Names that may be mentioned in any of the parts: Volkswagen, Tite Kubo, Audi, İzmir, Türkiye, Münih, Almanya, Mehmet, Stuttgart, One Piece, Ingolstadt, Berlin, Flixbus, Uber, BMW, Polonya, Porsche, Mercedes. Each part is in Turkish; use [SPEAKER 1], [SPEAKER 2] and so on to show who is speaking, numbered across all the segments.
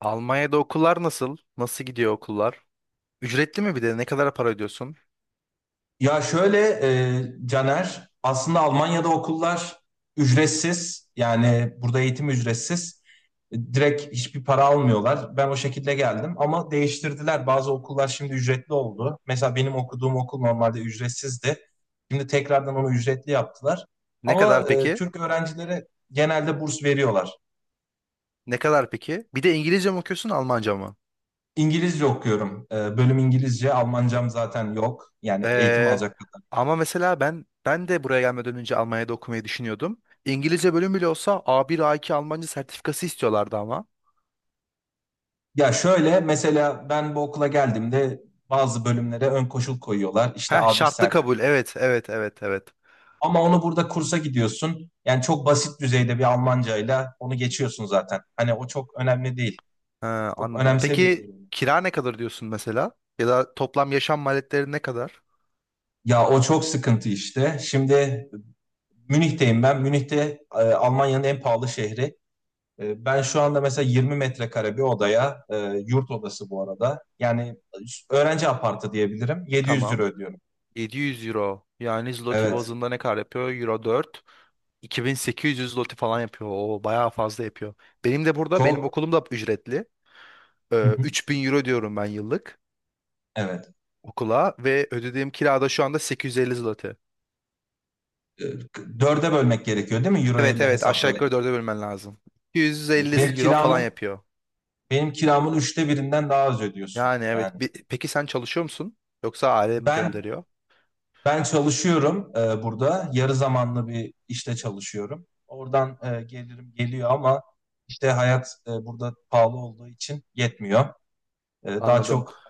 [SPEAKER 1] Almanya'da okullar nasıl? Nasıl gidiyor okullar? Ücretli mi bir de? Ne kadar para ödüyorsun?
[SPEAKER 2] Ya şöyle Caner, aslında Almanya'da okullar ücretsiz. Yani burada eğitim ücretsiz. Direkt hiçbir para almıyorlar. Ben o şekilde geldim ama değiştirdiler. Bazı okullar şimdi ücretli oldu. Mesela benim okuduğum okul normalde ücretsizdi. Şimdi tekrardan onu ücretli yaptılar.
[SPEAKER 1] Ne
[SPEAKER 2] Ama
[SPEAKER 1] kadar peki?
[SPEAKER 2] Türk öğrencilere genelde burs veriyorlar.
[SPEAKER 1] Ne kadar peki? Bir de İngilizce mi okuyorsun, Almanca mı?
[SPEAKER 2] İngilizce okuyorum. Bölüm İngilizce. Almancam zaten yok. Yani eğitim
[SPEAKER 1] Ee,
[SPEAKER 2] alacak.
[SPEAKER 1] ama mesela ben de buraya gelmeden önce Almanya'da okumayı düşünüyordum. İngilizce bölüm bile olsa A1, A2 Almanca sertifikası istiyorlardı ama.
[SPEAKER 2] Ya şöyle mesela ben bu okula geldiğimde bazı bölümlere ön koşul koyuyorlar. İşte
[SPEAKER 1] Heh,
[SPEAKER 2] A1
[SPEAKER 1] şartlı
[SPEAKER 2] sertifika.
[SPEAKER 1] kabul. Evet, evet, evet, evet.
[SPEAKER 2] Ama onu burada kursa gidiyorsun. Yani çok basit düzeyde bir Almancayla onu geçiyorsun zaten. Hani o çok önemli değil.
[SPEAKER 1] Ha,
[SPEAKER 2] Çok
[SPEAKER 1] anladım.
[SPEAKER 2] önemsemiyorlar
[SPEAKER 1] Peki
[SPEAKER 2] onu.
[SPEAKER 1] kira ne kadar diyorsun mesela? Ya da toplam yaşam maliyetleri ne kadar?
[SPEAKER 2] Ya o çok sıkıntı işte. Şimdi Münih'teyim ben. Münih'te Almanya'nın en pahalı şehri. Ben şu anda mesela 20 metrekare bir odaya, yurt odası bu arada. Yani öğrenci apartı diyebilirim. 700 euro
[SPEAKER 1] Tamam.
[SPEAKER 2] ödüyorum.
[SPEAKER 1] 700 euro. Yani zloty
[SPEAKER 2] Evet.
[SPEAKER 1] bazında ne kadar yapıyor? Euro 4. 2.800 loti falan yapıyor. O bayağı fazla yapıyor. Benim de burada benim
[SPEAKER 2] Çok.
[SPEAKER 1] okulum da ücretli.
[SPEAKER 2] Hı hı.
[SPEAKER 1] 3000 euro diyorum ben yıllık
[SPEAKER 2] Evet.
[SPEAKER 1] okula ve ödediğim kirada şu anda 850 zloty.
[SPEAKER 2] e, Dörde bölmek gerekiyor değil mi? Euro
[SPEAKER 1] Evet
[SPEAKER 2] ile
[SPEAKER 1] evet aşağı
[SPEAKER 2] hesaplayıp.
[SPEAKER 1] yukarı dörde bölmen lazım. 250
[SPEAKER 2] Evet. Benim
[SPEAKER 1] euro falan
[SPEAKER 2] kiramın
[SPEAKER 1] yapıyor.
[SPEAKER 2] benim kiramın üçte birinden daha az ödüyorsun.
[SPEAKER 1] Yani evet.
[SPEAKER 2] Yani
[SPEAKER 1] Bi- peki sen çalışıyor musun? Yoksa aile mi
[SPEAKER 2] ben
[SPEAKER 1] gönderiyor?
[SPEAKER 2] ben çalışıyorum burada. Yarı zamanlı bir işte çalışıyorum. Oradan gelirim geliyor ama işte hayat burada pahalı olduğu için yetmiyor. Daha
[SPEAKER 1] Anladım.
[SPEAKER 2] çok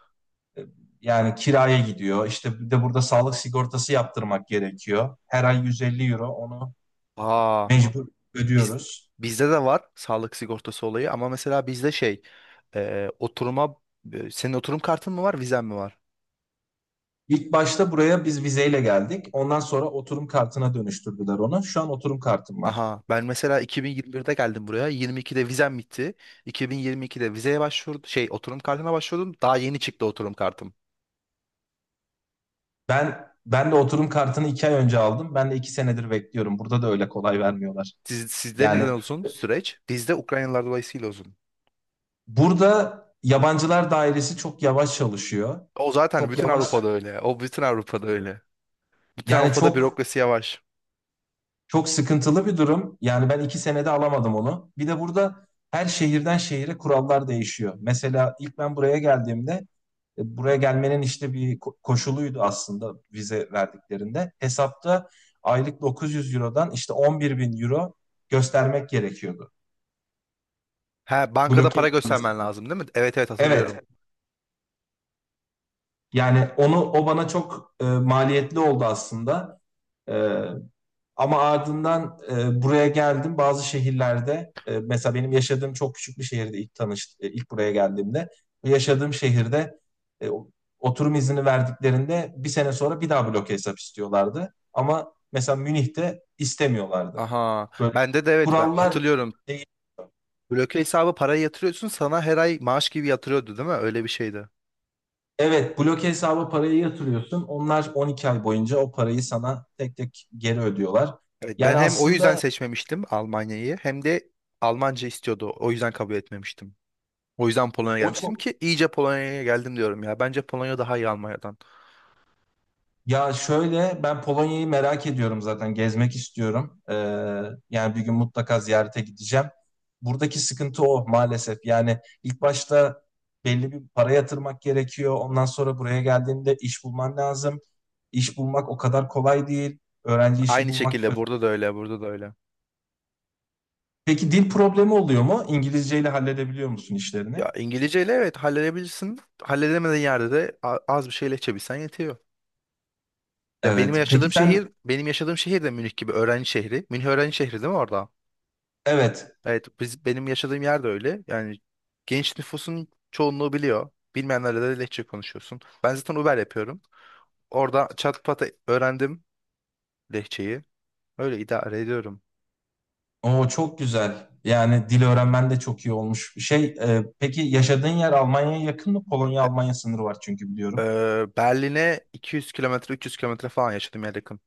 [SPEAKER 2] e, yani kiraya gidiyor. İşte bir de burada sağlık sigortası yaptırmak gerekiyor. Her ay 150 euro onu
[SPEAKER 1] Aa,
[SPEAKER 2] mecbur
[SPEAKER 1] biz
[SPEAKER 2] ödüyoruz.
[SPEAKER 1] bizde de var sağlık sigortası olayı ama mesela oturuma senin oturum kartın mı var vizen mi var?
[SPEAKER 2] İlk başta buraya biz vizeyle geldik. Ondan sonra oturum kartına dönüştürdüler onu. Şu an oturum kartım var.
[SPEAKER 1] Aha ben mesela 2021'de geldim buraya. 22'de vizem bitti. 2022'de vizeye başvurdum. Şey, oturum kartına başvurdum. Daha yeni çıktı oturum kartım.
[SPEAKER 2] Ben de oturum kartını 2 ay önce aldım. Ben de 2 senedir bekliyorum. Burada da öyle kolay vermiyorlar.
[SPEAKER 1] Siz, sizde neden
[SPEAKER 2] Yani
[SPEAKER 1] uzun süreç? Bizde Ukraynalılar dolayısıyla uzun.
[SPEAKER 2] burada yabancılar dairesi çok yavaş çalışıyor.
[SPEAKER 1] O zaten
[SPEAKER 2] Çok
[SPEAKER 1] bütün
[SPEAKER 2] yavaş.
[SPEAKER 1] Avrupa'da öyle. O bütün Avrupa'da öyle. Bütün
[SPEAKER 2] Yani
[SPEAKER 1] Avrupa'da
[SPEAKER 2] çok.
[SPEAKER 1] bürokrasi yavaş.
[SPEAKER 2] Çok sıkıntılı bir durum. Yani ben 2 senede alamadım onu. Bir de burada her şehirden şehire kurallar değişiyor. Mesela ilk ben buraya geldiğimde buraya gelmenin işte bir koşuluydu aslında vize verdiklerinde. Hesapta aylık 900 Euro'dan işte 11 bin Euro göstermek gerekiyordu.
[SPEAKER 1] Ha, bankada
[SPEAKER 2] Bloke
[SPEAKER 1] para
[SPEAKER 2] edilmesi
[SPEAKER 1] göstermen
[SPEAKER 2] gibi.
[SPEAKER 1] lazım değil mi? Evet evet
[SPEAKER 2] Evet.
[SPEAKER 1] hatırlıyorum.
[SPEAKER 2] Yani onu o bana çok maliyetli oldu aslında. E, Ama ardından buraya geldim. Bazı şehirlerde mesela benim yaşadığım çok küçük bir şehirde ilk buraya geldiğimde yaşadığım şehirde e, oturum izni verdiklerinde bir sene sonra bir daha bloke hesap istiyorlardı. Ama mesela Münih'te istemiyorlardı.
[SPEAKER 1] Aha,
[SPEAKER 2] Böyle
[SPEAKER 1] bende de evet, ben
[SPEAKER 2] kurallar
[SPEAKER 1] hatırlıyorum.
[SPEAKER 2] değil.
[SPEAKER 1] Bloke hesabı parayı yatırıyorsun, sana her ay maaş gibi yatırıyordu değil mi? Öyle bir şeydi.
[SPEAKER 2] Evet, bloke hesaba parayı yatırıyorsun. Onlar 12 ay boyunca o parayı sana tek tek geri ödüyorlar.
[SPEAKER 1] Evet, ben
[SPEAKER 2] Yani
[SPEAKER 1] hem o yüzden
[SPEAKER 2] aslında
[SPEAKER 1] seçmemiştim Almanya'yı hem de Almanca istiyordu. O yüzden kabul etmemiştim. O yüzden Polonya'ya
[SPEAKER 2] o
[SPEAKER 1] gelmiştim
[SPEAKER 2] çok.
[SPEAKER 1] ki iyice Polonya'ya geldim diyorum ya. Bence Polonya daha iyi Almanya'dan.
[SPEAKER 2] Ya şöyle ben Polonya'yı merak ediyorum zaten gezmek istiyorum. Yani bir gün mutlaka ziyarete gideceğim. Buradaki sıkıntı o maalesef. Yani ilk başta belli bir para yatırmak gerekiyor. Ondan sonra buraya geldiğinde iş bulman lazım. İş bulmak o kadar kolay değil. Öğrenci işi
[SPEAKER 1] Aynı
[SPEAKER 2] bulmak.
[SPEAKER 1] şekilde burada da öyle, burada da öyle.
[SPEAKER 2] Peki dil problemi oluyor mu? İngilizceyle halledebiliyor musun işlerini?
[SPEAKER 1] Ya İngilizceyle evet halledebilirsin. Halledemediğin yerde de a- az bir şey Lehçe yetiyor.
[SPEAKER 2] Evet. Peki sen.
[SPEAKER 1] Benim yaşadığım şehir de Münih gibi öğrenci şehri. Münih öğrenci şehri değil mi orada?
[SPEAKER 2] Evet.
[SPEAKER 1] Evet, biz benim yaşadığım yer de öyle. Yani genç nüfusun çoğunluğu biliyor. Bilmeyenlerle de Lehçe konuşuyorsun. Ben zaten Uber yapıyorum. Orada çat pat öğrendim lehçeyi. Öyle idare ediyorum.
[SPEAKER 2] O çok güzel. Yani dil öğrenmen de çok iyi olmuş. Şey, peki yaşadığın yer Almanya'ya yakın mı? Polonya-Almanya sınırı var çünkü biliyorum.
[SPEAKER 1] Berlin'e 200 kilometre, 300 kilometre falan yaşadım ya, yakın.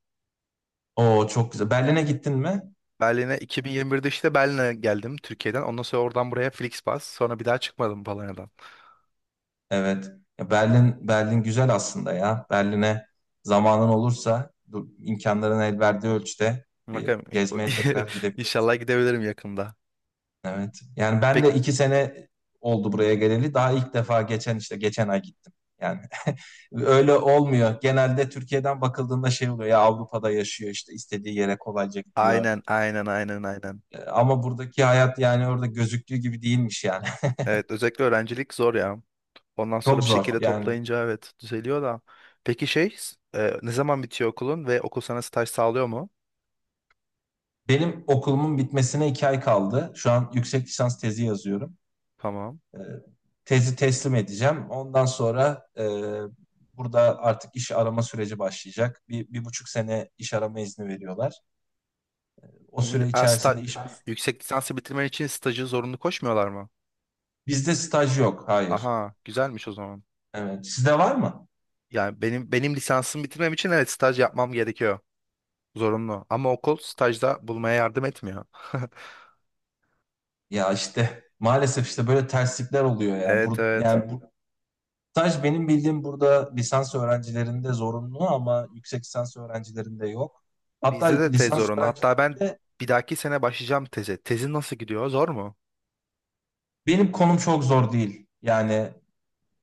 [SPEAKER 2] O çok güzel. Berlin'e gittin mi?
[SPEAKER 1] Berlin'e 2021'de işte Berlin'e geldim Türkiye'den. Ondan sonra oradan buraya Flixbus. Sonra bir daha çıkmadım Polonya'dan.
[SPEAKER 2] Evet. Ya Berlin güzel aslında ya. Berlin'e zamanın olursa, imkanların el verdiği ölçüde bir
[SPEAKER 1] Bakalım,
[SPEAKER 2] gezmeye tekrar gidebilirsin.
[SPEAKER 1] inşallah gidebilirim yakında.
[SPEAKER 2] Evet. Yani ben
[SPEAKER 1] Pek
[SPEAKER 2] de 2 sene oldu buraya geleli. Daha ilk defa geçen işte geçen ay gittim. Yani öyle olmuyor. Genelde Türkiye'den bakıldığında şey oluyor ya Avrupa'da yaşıyor işte istediği yere kolayca gidiyor.
[SPEAKER 1] aynen, aynen, aynen, aynen.
[SPEAKER 2] Ama buradaki hayat yani orada gözüktüğü gibi değilmiş yani.
[SPEAKER 1] Evet, özellikle öğrencilik zor ya. Ondan sonra
[SPEAKER 2] Çok
[SPEAKER 1] bir
[SPEAKER 2] zor
[SPEAKER 1] şekilde
[SPEAKER 2] yani.
[SPEAKER 1] toplayınca evet düzeliyor da. Peki ne zaman bitiyor okulun ve okul sana staj sağlıyor mu?
[SPEAKER 2] Benim okulumun bitmesine 2 ay kaldı. Şu an yüksek lisans tezi yazıyorum.
[SPEAKER 1] Tamam.
[SPEAKER 2] E, Tezi teslim edeceğim. Ondan sonra burada artık iş arama süreci başlayacak. Bir, 1,5 sene iş arama izni veriyorlar. O
[SPEAKER 1] Hı hı.
[SPEAKER 2] süre
[SPEAKER 1] Aa,
[SPEAKER 2] içerisinde iş.
[SPEAKER 1] yüksek lisansı bitirmen için stajı zorunlu koşmuyorlar mı?
[SPEAKER 2] Bizde staj yok. Hayır.
[SPEAKER 1] Aha, güzelmiş o zaman.
[SPEAKER 2] Evet. Sizde var mı?
[SPEAKER 1] Yani benim lisansımı bitirmem için evet staj yapmam gerekiyor. Zorunlu. Ama okul stajda bulmaya yardım etmiyor.
[SPEAKER 2] Ya işte maalesef işte böyle terslikler oluyor ya.
[SPEAKER 1] Evet evet.
[SPEAKER 2] Yani bu staj benim bildiğim burada lisans öğrencilerinde zorunlu ama yüksek lisans öğrencilerinde yok. Hatta
[SPEAKER 1] Bizde de tez
[SPEAKER 2] lisans
[SPEAKER 1] zorunlu. Hatta ben
[SPEAKER 2] öğrencilerinde
[SPEAKER 1] bir dahaki sene başlayacağım teze. Tezin nasıl gidiyor? Zor mu?
[SPEAKER 2] benim konum çok zor değil. Yani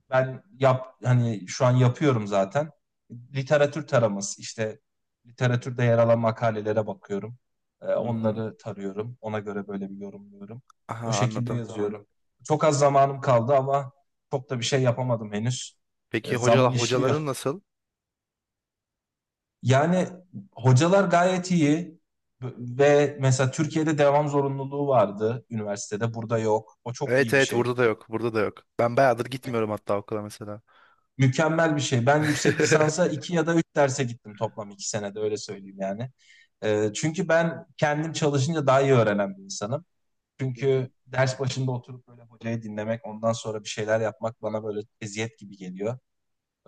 [SPEAKER 2] ben hani şu an yapıyorum zaten. Literatür taraması işte literatürde yer alan makalelere bakıyorum.
[SPEAKER 1] Hı hı.
[SPEAKER 2] Onları tarıyorum. Ona göre böyle bir yorumluyorum.
[SPEAKER 1] Aha,
[SPEAKER 2] O şekilde
[SPEAKER 1] anladım.
[SPEAKER 2] yazıyorum. Çok az zamanım kaldı ama çok da bir şey yapamadım henüz.
[SPEAKER 1] Peki
[SPEAKER 2] Zaman işliyor.
[SPEAKER 1] hocaların nasıl?
[SPEAKER 2] Yani hocalar gayet iyi ve mesela Türkiye'de devam zorunluluğu vardı üniversitede. Burada yok. O çok
[SPEAKER 1] Evet
[SPEAKER 2] iyi bir
[SPEAKER 1] evet,
[SPEAKER 2] şey.
[SPEAKER 1] burada da yok. Burada da yok. Ben bayağıdır gitmiyorum hatta okula mesela.
[SPEAKER 2] Mükemmel bir şey. Ben yüksek lisansa iki ya da üç derse gittim toplam 2 senede öyle söyleyeyim yani. Çünkü ben kendim çalışınca daha iyi öğrenen bir insanım. Çünkü ders başında oturup böyle hocayı dinlemek, ondan sonra bir şeyler yapmak bana böyle eziyet gibi geliyor.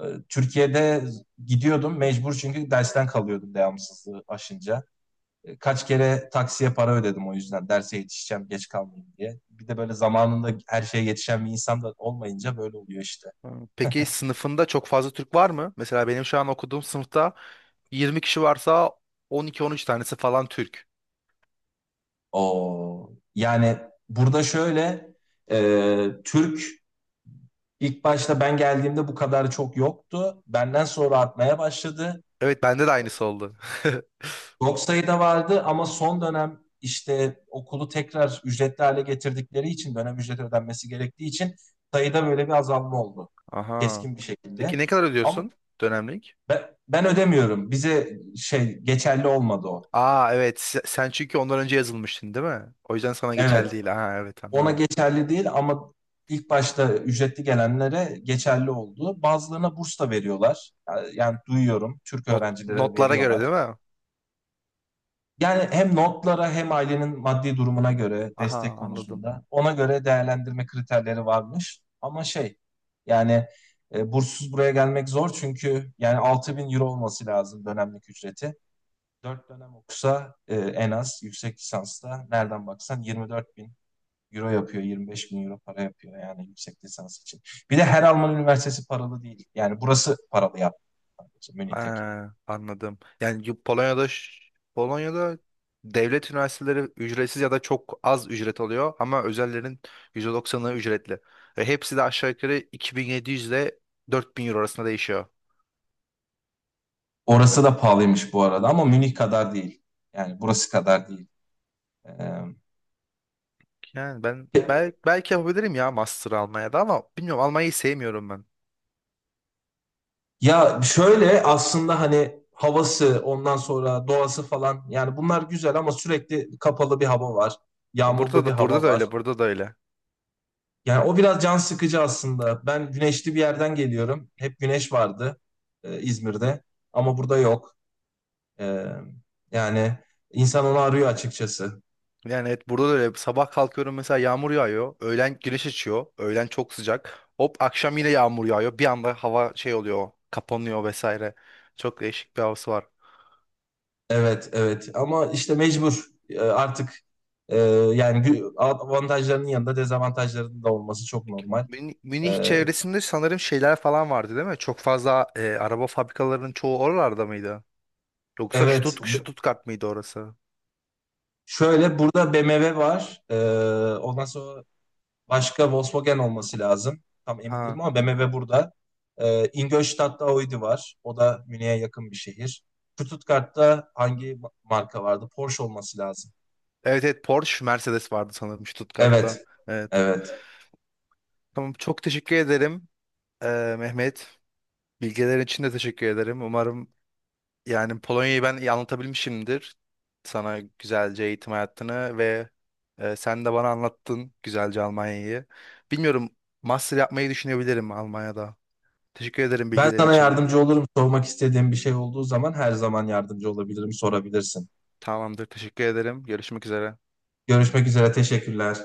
[SPEAKER 2] Ee, Türkiye'de gidiyordum mecbur çünkü dersten kalıyordum devamsızlığı aşınca. Kaç kere taksiye para ödedim o yüzden derse yetişeceğim, geç kalmayayım diye. Bir de böyle zamanında her şeye yetişen bir insan da olmayınca böyle oluyor işte.
[SPEAKER 1] Ha, peki sınıfında çok fazla Türk var mı? Mesela benim şu an okuduğum sınıfta 20 kişi varsa 12-13 tanesi falan Türk.
[SPEAKER 2] O yani burada şöyle Türk ilk başta ben geldiğimde bu kadar çok yoktu. Benden sonra artmaya başladı.
[SPEAKER 1] Evet bende de aynısı oldu.
[SPEAKER 2] Çok sayıda vardı ama son dönem işte okulu tekrar ücretli hale getirdikleri için dönem ücreti ödenmesi gerektiği için sayıda böyle bir azalma oldu.
[SPEAKER 1] Aha.
[SPEAKER 2] Keskin bir
[SPEAKER 1] Peki
[SPEAKER 2] şekilde.
[SPEAKER 1] ne kadar
[SPEAKER 2] Ama
[SPEAKER 1] ödüyorsun dönemlik?
[SPEAKER 2] ben ödemiyorum. Bize şey geçerli olmadı o.
[SPEAKER 1] Aa evet, sen çünkü ondan önce yazılmıştın değil mi? O yüzden sana geçerli
[SPEAKER 2] Evet.
[SPEAKER 1] değil. Aha evet,
[SPEAKER 2] Ona
[SPEAKER 1] anladım.
[SPEAKER 2] geçerli değil ama ilk başta ücretli gelenlere geçerli oldu. Bazılarına burs da veriyorlar. Yani duyuyorum Türk öğrencilere
[SPEAKER 1] Notlara göre
[SPEAKER 2] veriyorlar.
[SPEAKER 1] değil mi?
[SPEAKER 2] Yani hem notlara hem ailenin maddi durumuna göre
[SPEAKER 1] Aha,
[SPEAKER 2] destek
[SPEAKER 1] anladım.
[SPEAKER 2] konusunda ona göre değerlendirme kriterleri varmış. Ama şey yani burssuz buraya gelmek zor çünkü yani 6.000 euro olması lazım dönemlik ücreti. 4 dönem okusa en az yüksek lisansta nereden baksan 24 bin Euro yapıyor. 25 bin euro para yapıyor yani yüksek lisans için. Bir de her Alman üniversitesi paralı değil. Yani burası paralı yaptı. Sadece Münih tek.
[SPEAKER 1] Aa, anladım. Yani Polonya'da devlet üniversiteleri ücretsiz ya da çok az ücret oluyor ama özellerin %90'ı ücretli. Ve hepsi de aşağı yukarı 2.700 ile 4.000 euro arasında değişiyor.
[SPEAKER 2] Orası da pahalıymış bu arada ama Münih kadar değil. Yani burası kadar değil. Ee,
[SPEAKER 1] Yani ben bel belki yapabilirim ya master Almanya'da ama bilmiyorum, Almanya'yı sevmiyorum ben.
[SPEAKER 2] Ya şöyle aslında hani havası ondan sonra doğası falan yani bunlar güzel ama sürekli kapalı bir hava var.
[SPEAKER 1] Burada
[SPEAKER 2] Yağmurlu bir
[SPEAKER 1] da, burada
[SPEAKER 2] hava
[SPEAKER 1] da
[SPEAKER 2] var.
[SPEAKER 1] öyle, burada da öyle.
[SPEAKER 2] Yani o biraz can sıkıcı aslında. Ben güneşli bir yerden geliyorum. Hep güneş vardı İzmir'de ama burada yok. Ee, Yani insan onu arıyor açıkçası.
[SPEAKER 1] Yani evet, burada da öyle. Sabah kalkıyorum mesela yağmur yağıyor. Öğlen güneş açıyor. Öğlen çok sıcak. Hop akşam yine yağmur yağıyor. Bir anda hava şey oluyor. Kapanıyor vesaire. Çok değişik bir havası var.
[SPEAKER 2] Evet, evet. Ama işte mecbur. Artık e, yani avantajlarının yanında dezavantajlarının da olması çok normal.
[SPEAKER 1] Münih
[SPEAKER 2] Ee,
[SPEAKER 1] çevresinde sanırım şeyler falan vardı değil mi? Çok fazla araba fabrikalarının çoğu oralarda mıydı? Yoksa
[SPEAKER 2] evet.
[SPEAKER 1] Stuttgart mıydı orası?
[SPEAKER 2] Şöyle burada BMW var. Ondan sonra başka Volkswagen olması lazım. Tam emin
[SPEAKER 1] Ha.
[SPEAKER 2] değilim ama BMW burada. Ingolstadt'ta Audi var. O da Münih'e yakın bir şehir. Stuttgart'ta hangi marka vardı? Porsche olması lazım.
[SPEAKER 1] Evet evet, Porsche, Mercedes vardı sanırım Stuttgart'ta.
[SPEAKER 2] Evet,
[SPEAKER 1] Evet.
[SPEAKER 2] evet.
[SPEAKER 1] Tamam, çok teşekkür ederim, Mehmet. Bilgilerin için de teşekkür ederim. Umarım, yani Polonya'yı ben iyi anlatabilmişimdir. Sana güzelce eğitim hayatını ve, sen de bana anlattın güzelce Almanya'yı. Bilmiyorum, master yapmayı düşünebilirim Almanya'da. Teşekkür ederim
[SPEAKER 2] Ben
[SPEAKER 1] bilgilerin
[SPEAKER 2] sana
[SPEAKER 1] için.
[SPEAKER 2] yardımcı olurum. Sormak istediğim bir şey olduğu zaman her zaman yardımcı olabilirim, sorabilirsin.
[SPEAKER 1] Tamamdır, teşekkür ederim. Görüşmek üzere.
[SPEAKER 2] Görüşmek üzere, teşekkürler.